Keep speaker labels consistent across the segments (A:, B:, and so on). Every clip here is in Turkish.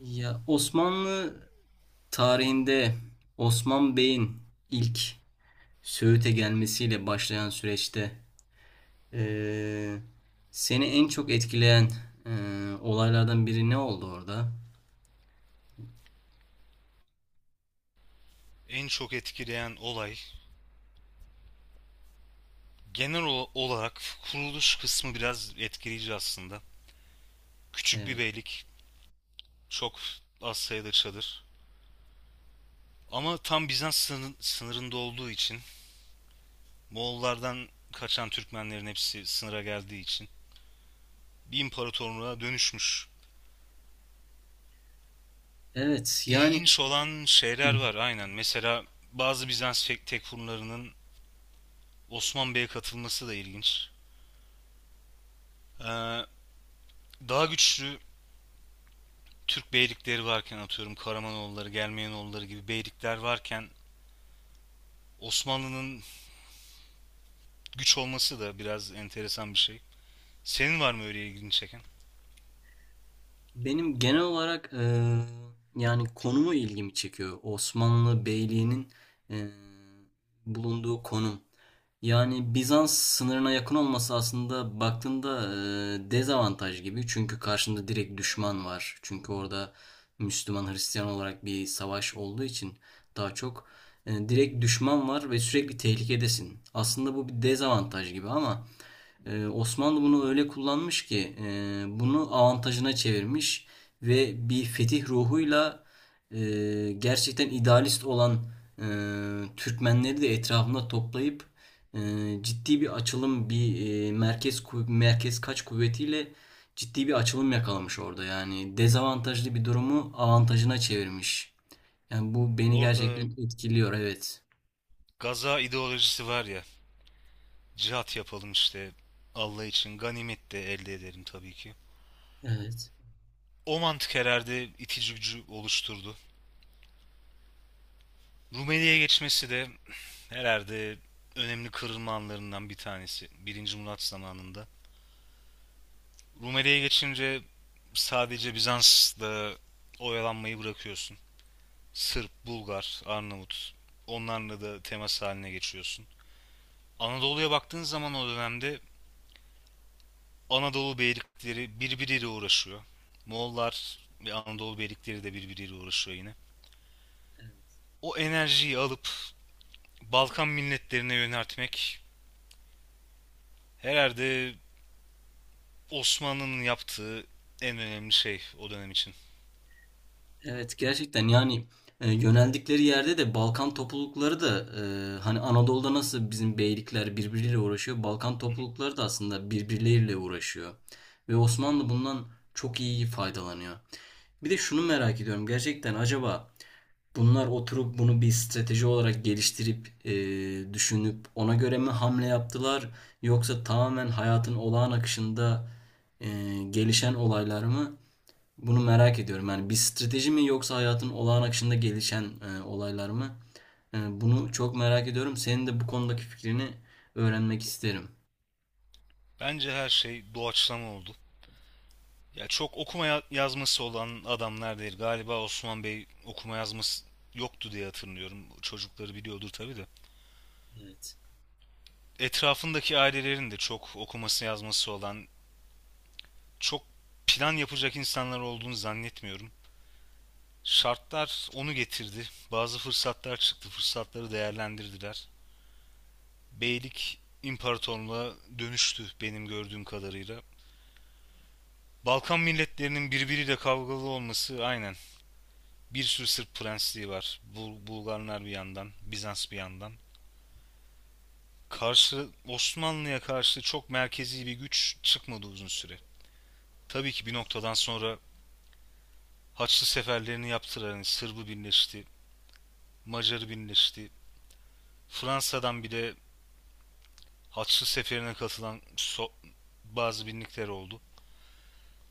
A: Ya Osmanlı tarihinde Osman Bey'in ilk Söğüt'e gelmesiyle başlayan süreçte eee, seni en çok etkileyen olaylardan biri ne oldu orada?
B: En çok etkileyen olay genel olarak kuruluş kısmı biraz etkileyici aslında. Küçük bir
A: Eee,
B: beylik, çok az sayıda çadır. Ama tam Bizans sınırında olduğu için Moğollardan kaçan Türkmenlerin hepsi sınıra geldiği için bir imparatorluğa dönüşmüş.
A: evet, yani
B: İlginç olan şeyler var aynen. Mesela bazı Bizans tekfurlarının Osman Bey'e katılması da ilginç. Ee, Daha güçlü Türk beylikleri varken atıyorum Karamanoğulları, Gelmeyenoğulları gibi beylikler varken Osmanlı'nın güç olması da biraz enteresan bir şey. Senin var mı öyle ilgini çeken?
A: benim genel olarak yani konumu ilgimi çekiyor. Osmanlı Beyliği'nin eee, bulunduğu konum. Yani Bizans sınırına yakın olması, aslında baktığında dezavantaj gibi. Çünkü karşında direkt düşman var. Çünkü orada Müslüman Hristiyan olarak bir savaş olduğu için daha çok direkt düşman var ve sürekli tehlikedesin. Aslında bu bir dezavantaj gibi, ama Osmanlı bunu öyle kullanmış ki bunu avantajına çevirmiş ve bir fetih ruhuyla gerçekten idealist olan Türkmenleri de etrafında toplayıp e, ciddi bir açılım, bir merkez kaç kuvvetiyle ciddi bir açılım yakalamış orada. Yani dezavantajlı bir durumu avantajına çevirmiş. Yani bu beni
B: Orada
A: gerçekten etkiliyor. Evet.
B: gaza ideolojisi var ya. Cihat yapalım işte Allah için ganimet de elde edelim tabii ki.
A: Evet.
B: O mantık herhalde itici gücü oluşturdu. Rumeli'ye geçmesi de herhalde önemli kırılma anlarından bir tanesi. Birinci Murat zamanında. Rumeli'ye geçince sadece Bizans'la oyalanmayı bırakıyorsun. Sırp, Bulgar, Arnavut onlarla da temas haline geçiyorsun. Anadolu'ya baktığın zaman o dönemde Anadolu beylikleri birbiriyle uğraşıyor. Moğollar ve Anadolu beylikleri de birbiriyle uğraşıyor yine. O enerjiyi alıp Balkan milletlerine yöneltmek herhalde Osmanlı'nın yaptığı en önemli şey o dönem için.
A: Evet, gerçekten yani yöneldikleri yerde de Balkan toplulukları da hani Anadolu'da nasıl bizim beylikler birbiriyle uğraşıyor, Balkan
B: Hı hı.
A: toplulukları da aslında birbirleriyle uğraşıyor. Ve Osmanlı bundan çok iyi faydalanıyor. Bir de şunu merak ediyorum gerçekten, acaba bunlar oturup bunu bir strateji olarak geliştirip düşünüp ona göre mi hamle yaptılar, yoksa tamamen hayatın olağan akışında e, gelişen olaylar mı? Bunu merak ediyorum. Yani bir strateji mi, yoksa hayatın olağan akışında gelişen olaylar mı? Bunu çok merak ediyorum. Senin de bu konudaki fikrini öğrenmek isterim.
B: Bence her şey doğaçlama oldu. Ya çok okuma yazması olan adamlar değil. Galiba Osman Bey okuma yazması yoktu diye hatırlıyorum. Çocukları biliyordur tabii de.
A: Evet.
B: Etrafındaki ailelerin de çok okuması yazması olan, çok plan yapacak insanlar olduğunu zannetmiyorum. Şartlar onu getirdi. Bazı fırsatlar çıktı. Fırsatları değerlendirdiler. Beylik imparatorluğa dönüştü benim gördüğüm kadarıyla. Balkan milletlerinin birbiriyle kavgalı olması aynen. Bir sürü Sırp prensliği var. Bulgarlar bir yandan, Bizans bir yandan. Karşı Osmanlı'ya karşı çok merkezi bir güç çıkmadı uzun süre. Tabii ki bir noktadan sonra Haçlı seferlerini yaptılar. Yani Sırbı birleşti, Macarı birleşti. Fransa'dan bir de Haçlı seferine katılan bazı binlikler oldu.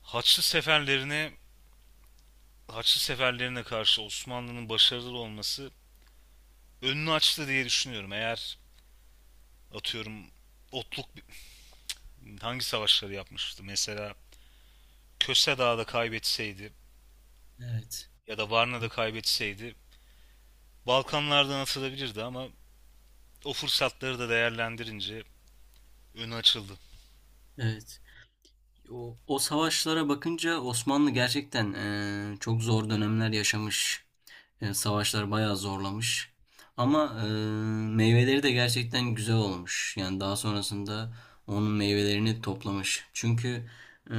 B: Haçlı seferlerine Haçlı seferlerine karşı Osmanlı'nın başarılı olması önünü açtı diye düşünüyorum. Eğer atıyorum otluk hangi savaşları yapmıştı? Mesela Köse Dağı'da kaybetseydi
A: Evet.
B: ya da Varna'da kaybetseydi Balkanlardan atılabilirdi ama o fırsatları da değerlendirince önü açıldı.
A: Evet. O, o savaşlara bakınca Osmanlı gerçekten çok zor dönemler yaşamış. Savaşlar bayağı zorlamış. Ama meyveleri de gerçekten güzel olmuş. Yani daha sonrasında onun meyvelerini toplamış. Çünkü eee,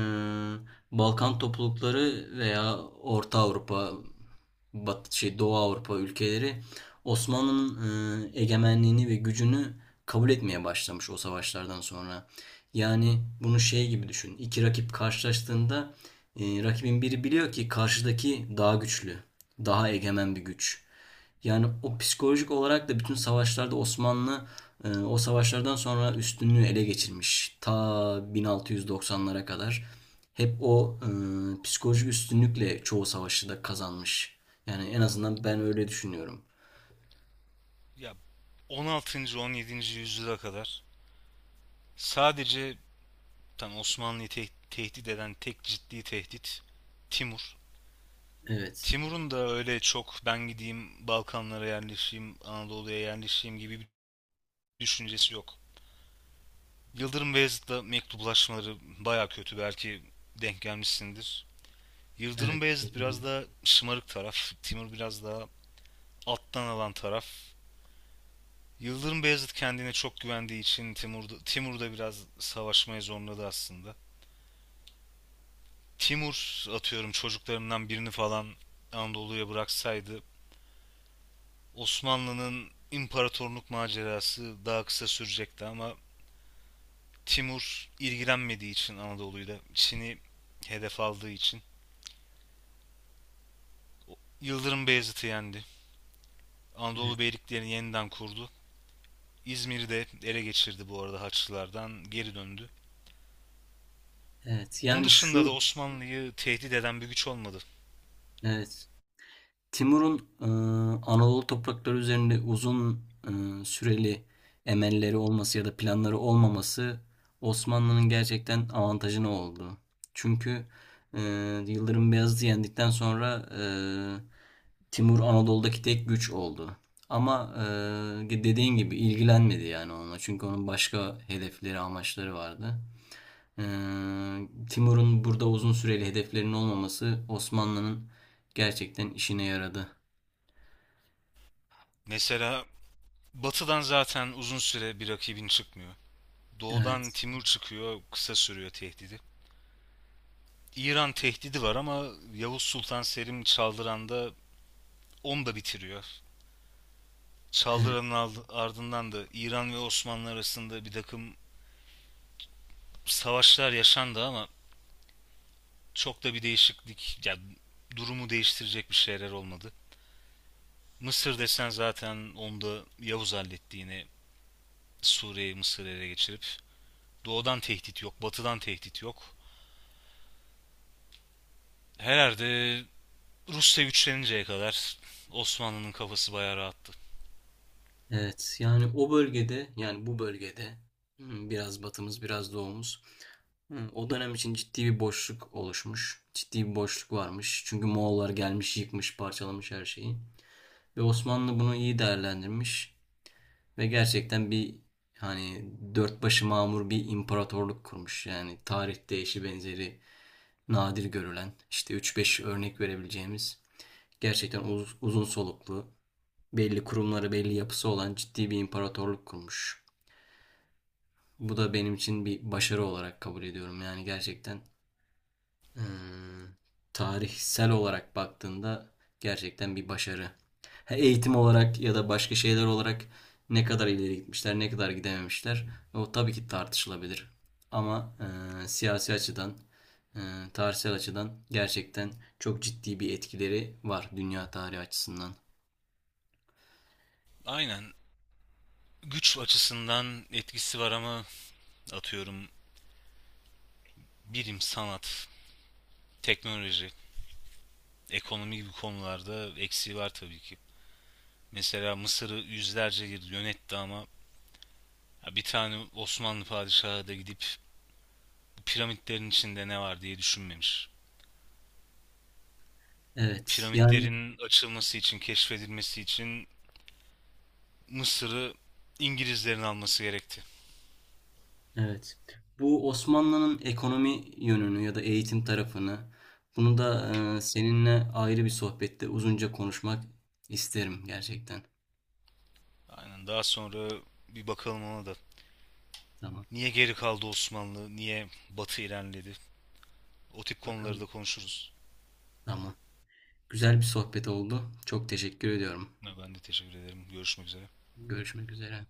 A: Balkan toplulukları veya Orta Avrupa, Bat, şey Doğu Avrupa ülkeleri Osmanlı'nın egemenliğini ve gücünü kabul etmeye başlamış o savaşlardan sonra. Yani bunu şey gibi düşün. İki rakip karşılaştığında rakibin biri biliyor ki karşıdaki daha güçlü, daha egemen bir güç. Yani o psikolojik olarak da bütün savaşlarda Osmanlı o savaşlardan sonra üstünlüğü ele geçirmiş. Ta 1690'lara kadar hep o psikolojik üstünlükle çoğu savaşı da kazanmış. Yani en azından ben öyle düşünüyorum.
B: Ya 16. 17. yüzyıla kadar sadece tam Osmanlı'yı tehdit eden tek ciddi tehdit Timur.
A: Evet,
B: Timur'un da öyle çok ben gideyim Balkanlara yerleşeyim, Anadolu'ya yerleşeyim gibi bir düşüncesi yok. Yıldırım Beyazıt'la mektuplaşmaları baya kötü belki denk gelmişsindir. Yıldırım
A: evet,
B: Beyazıt biraz daha şımarık taraf, Timur biraz daha alttan alan taraf. Yıldırım Beyazıt kendine çok güvendiği için Timur da biraz savaşmaya zorladı aslında. Timur atıyorum çocuklarından birini falan Anadolu'ya bıraksaydı Osmanlı'nın imparatorluk macerası daha kısa sürecekti ama Timur ilgilenmediği için Anadolu'yu da Çin'i hedef aldığı için Yıldırım Beyazıt'ı yendi.
A: evet,
B: Anadolu Beyliklerini yeniden kurdu. İzmir'i de ele geçirdi bu arada Haçlılardan geri döndü.
A: evet.
B: Onun
A: Yani
B: dışında da
A: şu,
B: Osmanlı'yı tehdit eden bir güç olmadı.
A: evet. Timur'un Anadolu toprakları üzerinde uzun süreli emelleri olması ya da planları olmaması Osmanlı'nın gerçekten avantajına oldu. Çünkü e, Yıldırım Beyazıt'ı yendikten sonra Timur Anadolu'daki tek güç oldu. Ama dediğin gibi ilgilenmedi yani onunla. Çünkü onun başka hedefleri, amaçları vardı. E, Timur'un burada uzun süreli hedeflerinin olmaması Osmanlı'nın gerçekten işine yaradı.
B: Mesela Batı'dan zaten uzun süre bir rakibin çıkmıyor. Doğu'dan
A: Evet,
B: Timur çıkıyor, kısa sürüyor tehdidi. İran tehdidi var ama Yavuz Sultan Selim Çaldıran'da onu da bitiriyor.
A: evet,
B: Çaldıran'ın ardından da İran ve Osmanlı arasında bir takım savaşlar yaşandı ama çok da bir değişiklik, durumu değiştirecek bir şeyler olmadı. Mısır desen zaten onda Yavuz halletti yine Suriye'yi Mısır'ı ele geçirip. Doğudan tehdit yok, batıdan tehdit yok. Herhalde Rusya güçleninceye kadar Osmanlı'nın kafası bayağı rahattı.
A: evet. Yani o bölgede, yani bu bölgede biraz batımız, biraz doğumuz. O dönem için ciddi bir boşluk oluşmuş. Ciddi bir boşluk varmış. Çünkü Moğollar gelmiş, yıkmış, parçalamış her şeyi. Ve Osmanlı bunu iyi değerlendirmiş ve gerçekten bir hani dört başı mamur bir imparatorluk kurmuş. Yani tarihte eşi benzeri nadir görülen, işte üç beş örnek verebileceğimiz gerçekten uzun soluklu, belli kurumları, belli yapısı olan ciddi bir imparatorluk kurmuş. Bu da benim için bir başarı olarak kabul ediyorum. Yani gerçekten eee, tarihsel olarak baktığında gerçekten bir başarı. Ha, eğitim olarak ya da başka şeyler olarak ne kadar ileri gitmişler, ne kadar gidememişler, o tabii ki tartışılabilir. Ama siyasi açıdan, eee, tarihsel açıdan gerçekten çok ciddi bir etkileri var dünya tarihi açısından.
B: Aynen, güç açısından etkisi var ama atıyorum bilim, sanat, teknoloji, ekonomi gibi konularda eksiği var tabii ki. Mesela Mısır'ı yüzlerce yıl yönetti ama bir tane Osmanlı padişahı da gidip bu piramitlerin içinde ne var diye düşünmemiş.
A: Evet, yani
B: Piramitlerin açılması için, keşfedilmesi için Mısır'ı İngilizlerin alması gerekti.
A: evet. Bu Osmanlı'nın ekonomi yönünü ya da eğitim tarafını, bunu da seninle ayrı bir sohbette uzunca konuşmak isterim gerçekten.
B: Aynen, daha sonra bir bakalım ona da.
A: Tamam.
B: Niye geri kaldı Osmanlı? Niye Batı ilerledi? O tip konuları da
A: Bakalım.
B: konuşuruz.
A: Tamam. Güzel bir sohbet oldu. Çok teşekkür ediyorum.
B: Ben de teşekkür ederim. Görüşmek üzere.
A: Görüşmek üzere.